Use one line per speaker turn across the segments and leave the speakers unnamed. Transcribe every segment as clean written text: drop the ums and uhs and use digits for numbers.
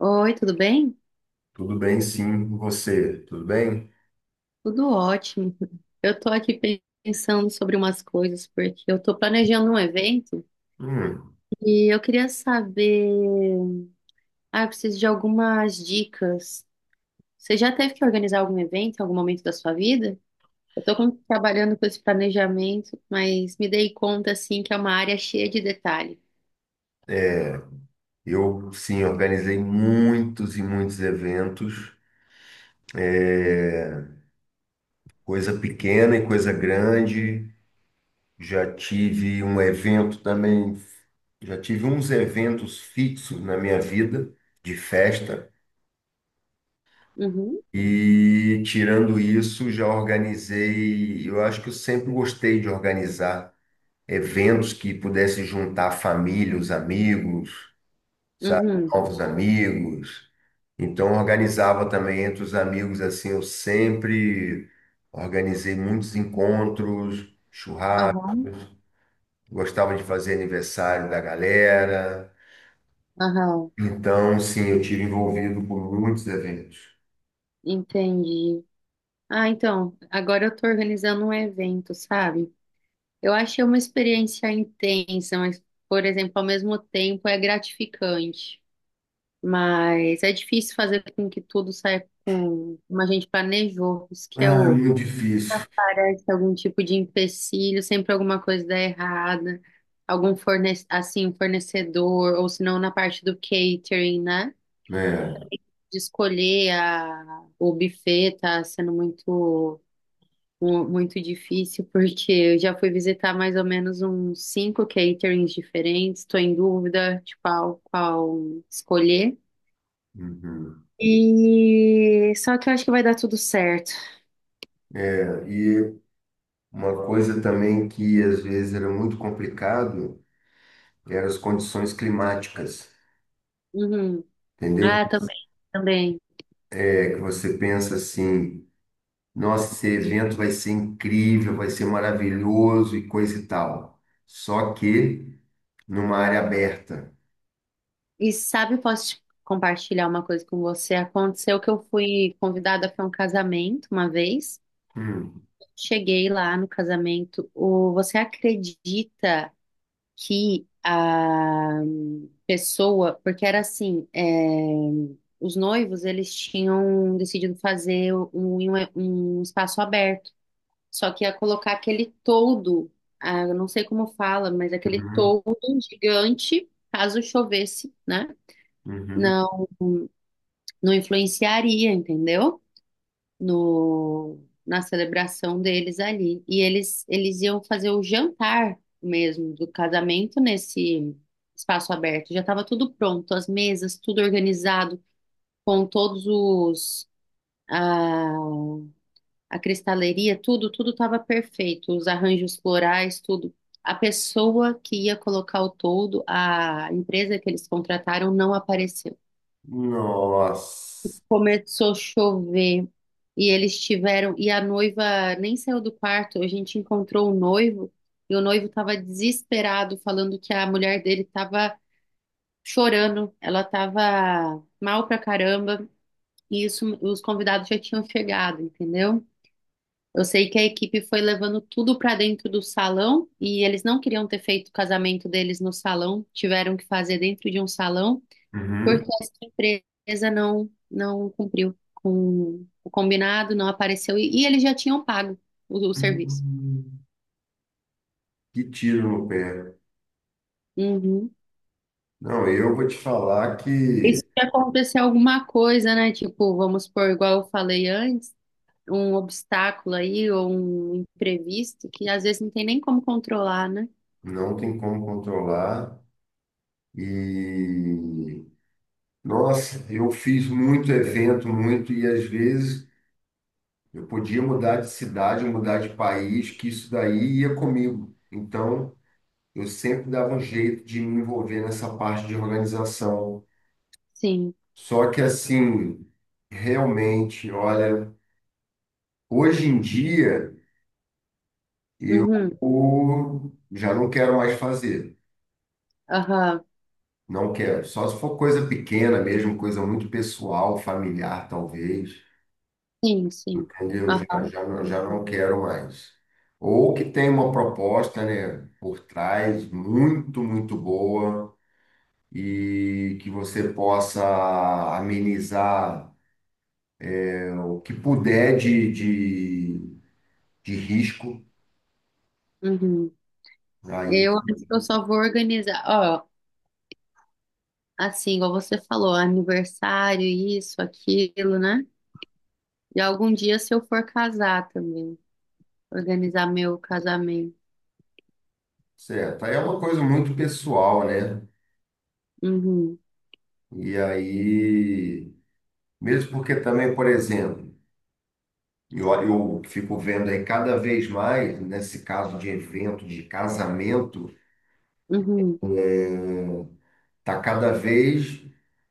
Oi, tudo bem?
Tudo bem, sim, e você, tudo bem?
Tudo ótimo. Eu tô aqui pensando sobre umas coisas, porque eu tô planejando um evento
Hum,
e eu queria saber. Ah, eu preciso de algumas dicas. Você já teve que organizar algum evento em algum momento da sua vida? Eu tô trabalhando com esse planejamento, mas me dei conta, assim, que é uma área cheia de detalhe.
eu, sim, organizei muitos e muitos eventos, é, coisa pequena e coisa grande. Já tive um evento também, já tive uns eventos fixos na minha vida de festa.
Uhum,
E tirando isso, já organizei. Eu acho que eu sempre gostei de organizar eventos que pudesse juntar a família, os amigos, sabe?
uhum,
Novos amigos. Então, organizava também entre os amigos, assim, eu sempre organizei muitos encontros, churrasco,
aham,
gostava de fazer aniversário da galera.
aham,
Então, sim, eu tive envolvido por muitos eventos.
entendi. Ah, então, agora eu tô organizando um evento, sabe? Eu achei uma experiência intensa, mas, por exemplo, ao mesmo tempo é gratificante. Mas é difícil fazer com que tudo saia como a gente planejou. Isso que é
Ah, é
o.
muito difícil,
Parece algum tipo de empecilho, sempre alguma coisa dá errada. Algum um fornecedor, ou se não na parte do catering, né?
né?
De escolher o buffet tá sendo muito muito difícil, porque eu já fui visitar mais ou menos uns cinco caterings diferentes, estou em dúvida de qual escolher.
Uhum.
E só que eu acho que vai dar tudo certo.
E uma coisa também que às vezes era muito complicado eram as condições climáticas,
Uhum.
entendeu?
Ah, também, também.
É que você pensa assim, nossa, esse evento vai ser incrível, vai ser maravilhoso e coisa e tal. Só que numa área aberta.
E sabe, posso te compartilhar uma coisa com você? Aconteceu que eu fui convidada para um casamento uma vez.
Hum,
Cheguei lá no casamento. O, você acredita, que a pessoa, porque era assim, os noivos eles tinham decidido fazer um espaço aberto, só que ia colocar aquele toldo, ah, eu não sei como fala, mas aquele
uhum,
toldo gigante, caso chovesse, né?
uhum.
Não, não influenciaria, entendeu? No, na celebração deles ali. E eles iam fazer o jantar mesmo do casamento nesse espaço aberto. Já estava tudo pronto, as mesas, tudo organizado, com todos os. A, a cristaleria, tudo, tudo estava perfeito, os arranjos florais, tudo. A pessoa que ia colocar o toldo, a empresa que eles contrataram, não apareceu.
Nossa.
Começou a chover e eles tiveram. E a noiva nem saiu do quarto. A gente encontrou o noivo e o noivo estava desesperado, falando que a mulher dele estava chorando, ela estava mal pra caramba. E isso, os convidados já tinham chegado, entendeu? Eu sei que a equipe foi levando tudo pra dentro do salão e eles não queriam ter feito o casamento deles no salão, tiveram que fazer dentro de um salão
Uhum.
porque essa empresa não cumpriu com o combinado, não apareceu e eles já tinham pago o serviço.
Hum, que tiro no pé.
Uhum.
Não, eu vou te falar
E
que
se acontecer alguma coisa, né? Tipo, vamos supor, igual eu falei antes, um obstáculo aí ou um imprevisto que às vezes não tem nem como controlar, né?
não tem como controlar. E, nossa, eu fiz muito evento, muito, e às vezes eu podia mudar de cidade, mudar de país, que isso daí ia comigo. Então, eu sempre dava um jeito de me envolver nessa parte de organização.
Sim.
Só que assim, realmente, olha, hoje em dia eu
Uhum.
já não quero mais fazer.
Aham.
Não quero. Só se for coisa pequena mesmo, coisa muito pessoal, familiar, talvez.
Sim, sim.
Entendeu? Já,
Aham.
já não
Uhum.
quero mais. Ou que tem uma proposta, né, por trás, muito, muito boa, e que você possa amenizar o que puder de risco,
Uhum.
aí,
Eu acho que eu só vou organizar. Ó, assim, igual você falou, aniversário, isso, aquilo, né? E algum dia, se eu for casar também, organizar meu casamento.
certo. Aí é uma coisa muito pessoal, né?
Uhum,
E aí, mesmo porque também, por exemplo, eu, eu fico vendo aí cada vez mais, nesse caso de evento, de casamento,
uhum.
é, tá cada vez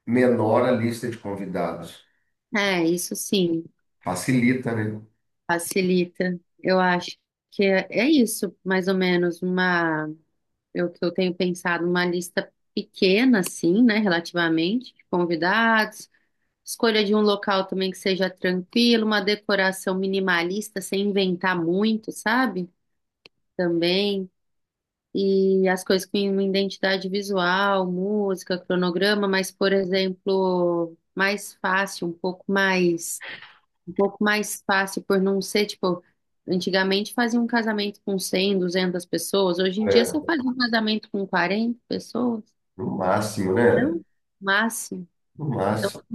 menor a lista de convidados.
É, isso sim,
Facilita, né?
facilita. Eu acho que é, é isso, mais ou menos, uma, eu que eu tenho pensado, uma lista pequena, assim, né, relativamente, de convidados, escolha de um local também que seja tranquilo, uma decoração minimalista, sem inventar muito, sabe? Também. E as coisas com uma identidade visual, música, cronograma, mas, por exemplo, mais fácil, um pouco mais fácil por não ser, tipo, antigamente fazia um casamento com 100, 200 pessoas, hoje em dia você
É.
faz um casamento com 40 pessoas,
No máximo, né?
então, máximo,
No
então,
máximo.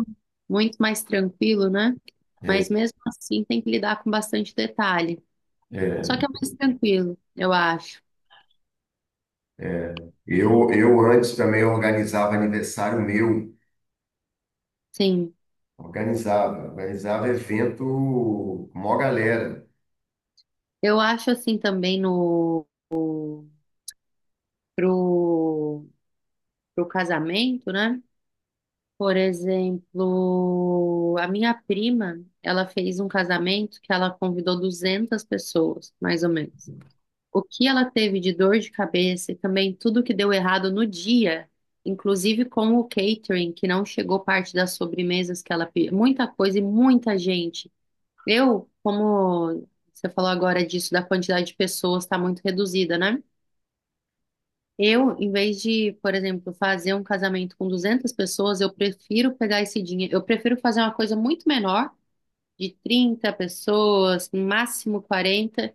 muito mais tranquilo, né? Mas mesmo assim tem que lidar com bastante detalhe. Só
É.
que é mais tranquilo, eu acho.
É. Eu antes também organizava aniversário meu,
Sim.
organizava, organizava evento, mó galera.
Eu acho assim também no pro, pro casamento, né? Por exemplo, a minha prima, ela fez um casamento que ela convidou 200 pessoas, mais ou menos. O que ela teve de dor de cabeça e também tudo que deu errado no dia, inclusive com o catering, que não chegou parte das sobremesas que ela pediu, muita coisa e muita gente. Eu, como você falou agora disso, da quantidade de pessoas está muito reduzida, né? Eu, em vez de, por exemplo, fazer um casamento com 200 pessoas, eu prefiro pegar esse dinheiro. Eu prefiro fazer uma coisa muito menor, de 30 pessoas, no máximo 40,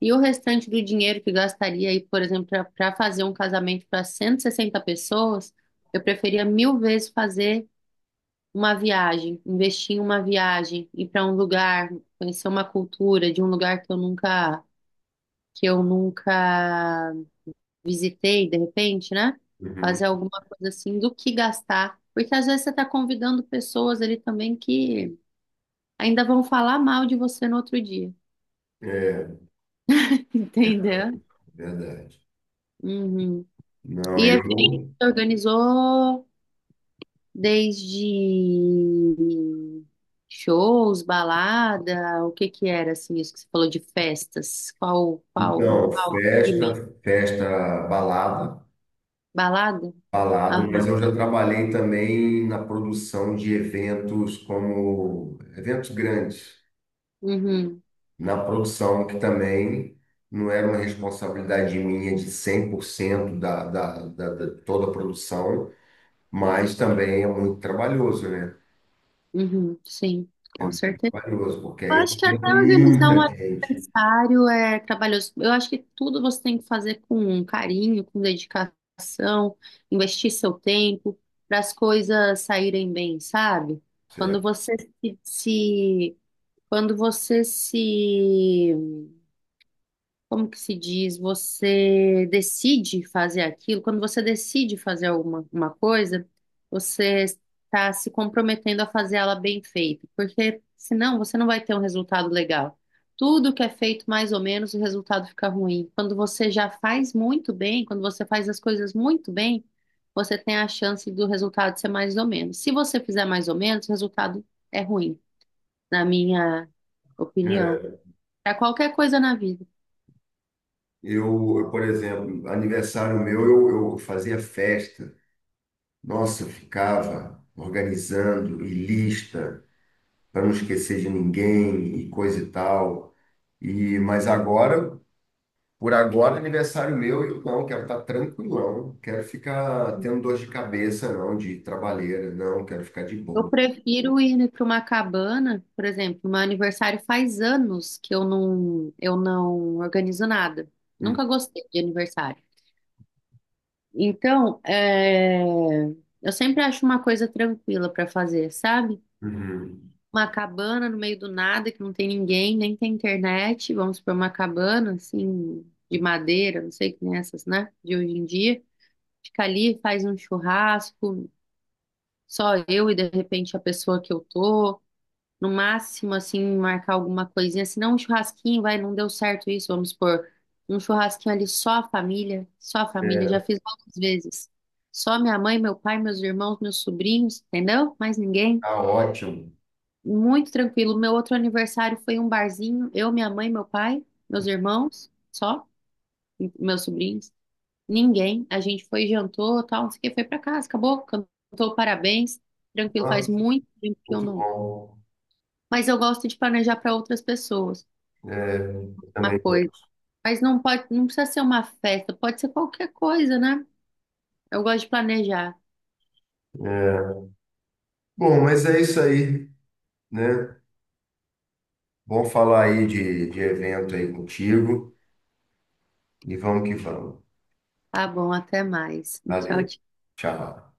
e o restante do dinheiro que gastaria aí, por exemplo, para fazer um casamento para 160 pessoas, eu preferia mil vezes fazer uma viagem, investir em uma viagem, ir para um lugar, conhecer uma cultura de um lugar que eu nunca visitei, de repente, né?
Uhum.
Fazer alguma coisa assim do que gastar. Porque às vezes você está convidando pessoas ali também que ainda vão falar mal de você no outro dia.
É,
Entendeu?
verdade.
Uhum.
Não,
E a gente
eu.
organizou desde shows, balada, o que que era assim, isso que você falou de festas? Qual, qual, em
Então,
qual
festa,
segmento?
festa, balada,
Balada?
balada, mas
Aham.
eu já trabalhei também na produção de eventos como eventos grandes.
Uhum.
Na produção, que também não era uma responsabilidade minha de 100% da, da, da, da toda a produção, mas também é muito trabalhoso, né?
Uhum. Sim,
É
com
muito
certeza.
trabalhoso, porque
Eu
aí eu
acho que até
atendo
organizar um
muita gente.
aniversário é trabalhoso. Eu acho que tudo você tem que fazer com carinho, com dedicação, investir seu tempo para as coisas saírem bem, sabe? Quando
Certo?
você se como que se diz, você decide fazer aquilo, quando você decide fazer alguma uma coisa, você está se comprometendo a fazer ela bem feita, porque senão você não vai ter um resultado legal. Tudo que é feito mais ou menos, o resultado fica ruim. Quando você já faz muito bem, quando você faz as coisas muito bem, você tem a chance do resultado ser mais ou menos. Se você fizer mais ou menos, o resultado é ruim, na minha opinião.
É.
Para qualquer coisa na vida.
Por exemplo, aniversário meu, eu fazia festa. Nossa, eu ficava organizando e lista para não esquecer de ninguém e coisa e tal. E, mas agora por agora, é aniversário meu, eu não quero estar tranquilão, quero ficar tendo dor de cabeça, não, de trabalheira, não, quero ficar de
Eu
boa.
prefiro ir para uma cabana, por exemplo, meu aniversário faz anos que eu não organizo nada.
Hum,
Nunca gostei de aniversário. Então, é, eu sempre acho uma coisa tranquila para fazer, sabe?
uhum.
Uma cabana no meio do nada, que não tem ninguém, nem tem internet. Vamos para uma cabana, assim, de madeira, não sei que nem essas, né? De hoje em dia. Fica ali, faz um churrasco, só eu e de repente a pessoa que eu tô. No máximo, assim, marcar alguma coisinha. Se não, um churrasquinho, vai, não deu certo isso, vamos supor. Um churrasquinho ali só a família, já
É,
fiz várias vezes. Só minha mãe, meu pai, meus irmãos, meus sobrinhos, entendeu? Mais ninguém.
tá ótimo.
Muito tranquilo. Meu outro aniversário foi um barzinho, eu, minha mãe, meu pai, meus irmãos, só, e meus sobrinhos. Ninguém. A gente foi, jantou, tal, não sei o que, foi pra casa, acabou, cantou parabéns. Tranquilo, faz
Nossa,
muito tempo que eu
muito
não.
bom.
Mas eu gosto de planejar para outras pessoas.
É,
Uma
também.
coisa. Mas não pode, não precisa ser uma festa, pode ser qualquer coisa, né? Eu gosto de planejar.
É. Bom, mas é isso aí, né? Bom falar aí de evento aí contigo e vamos que vamos.
Tá bom, até mais. Tchau,
Valeu,
tchau.
tchau.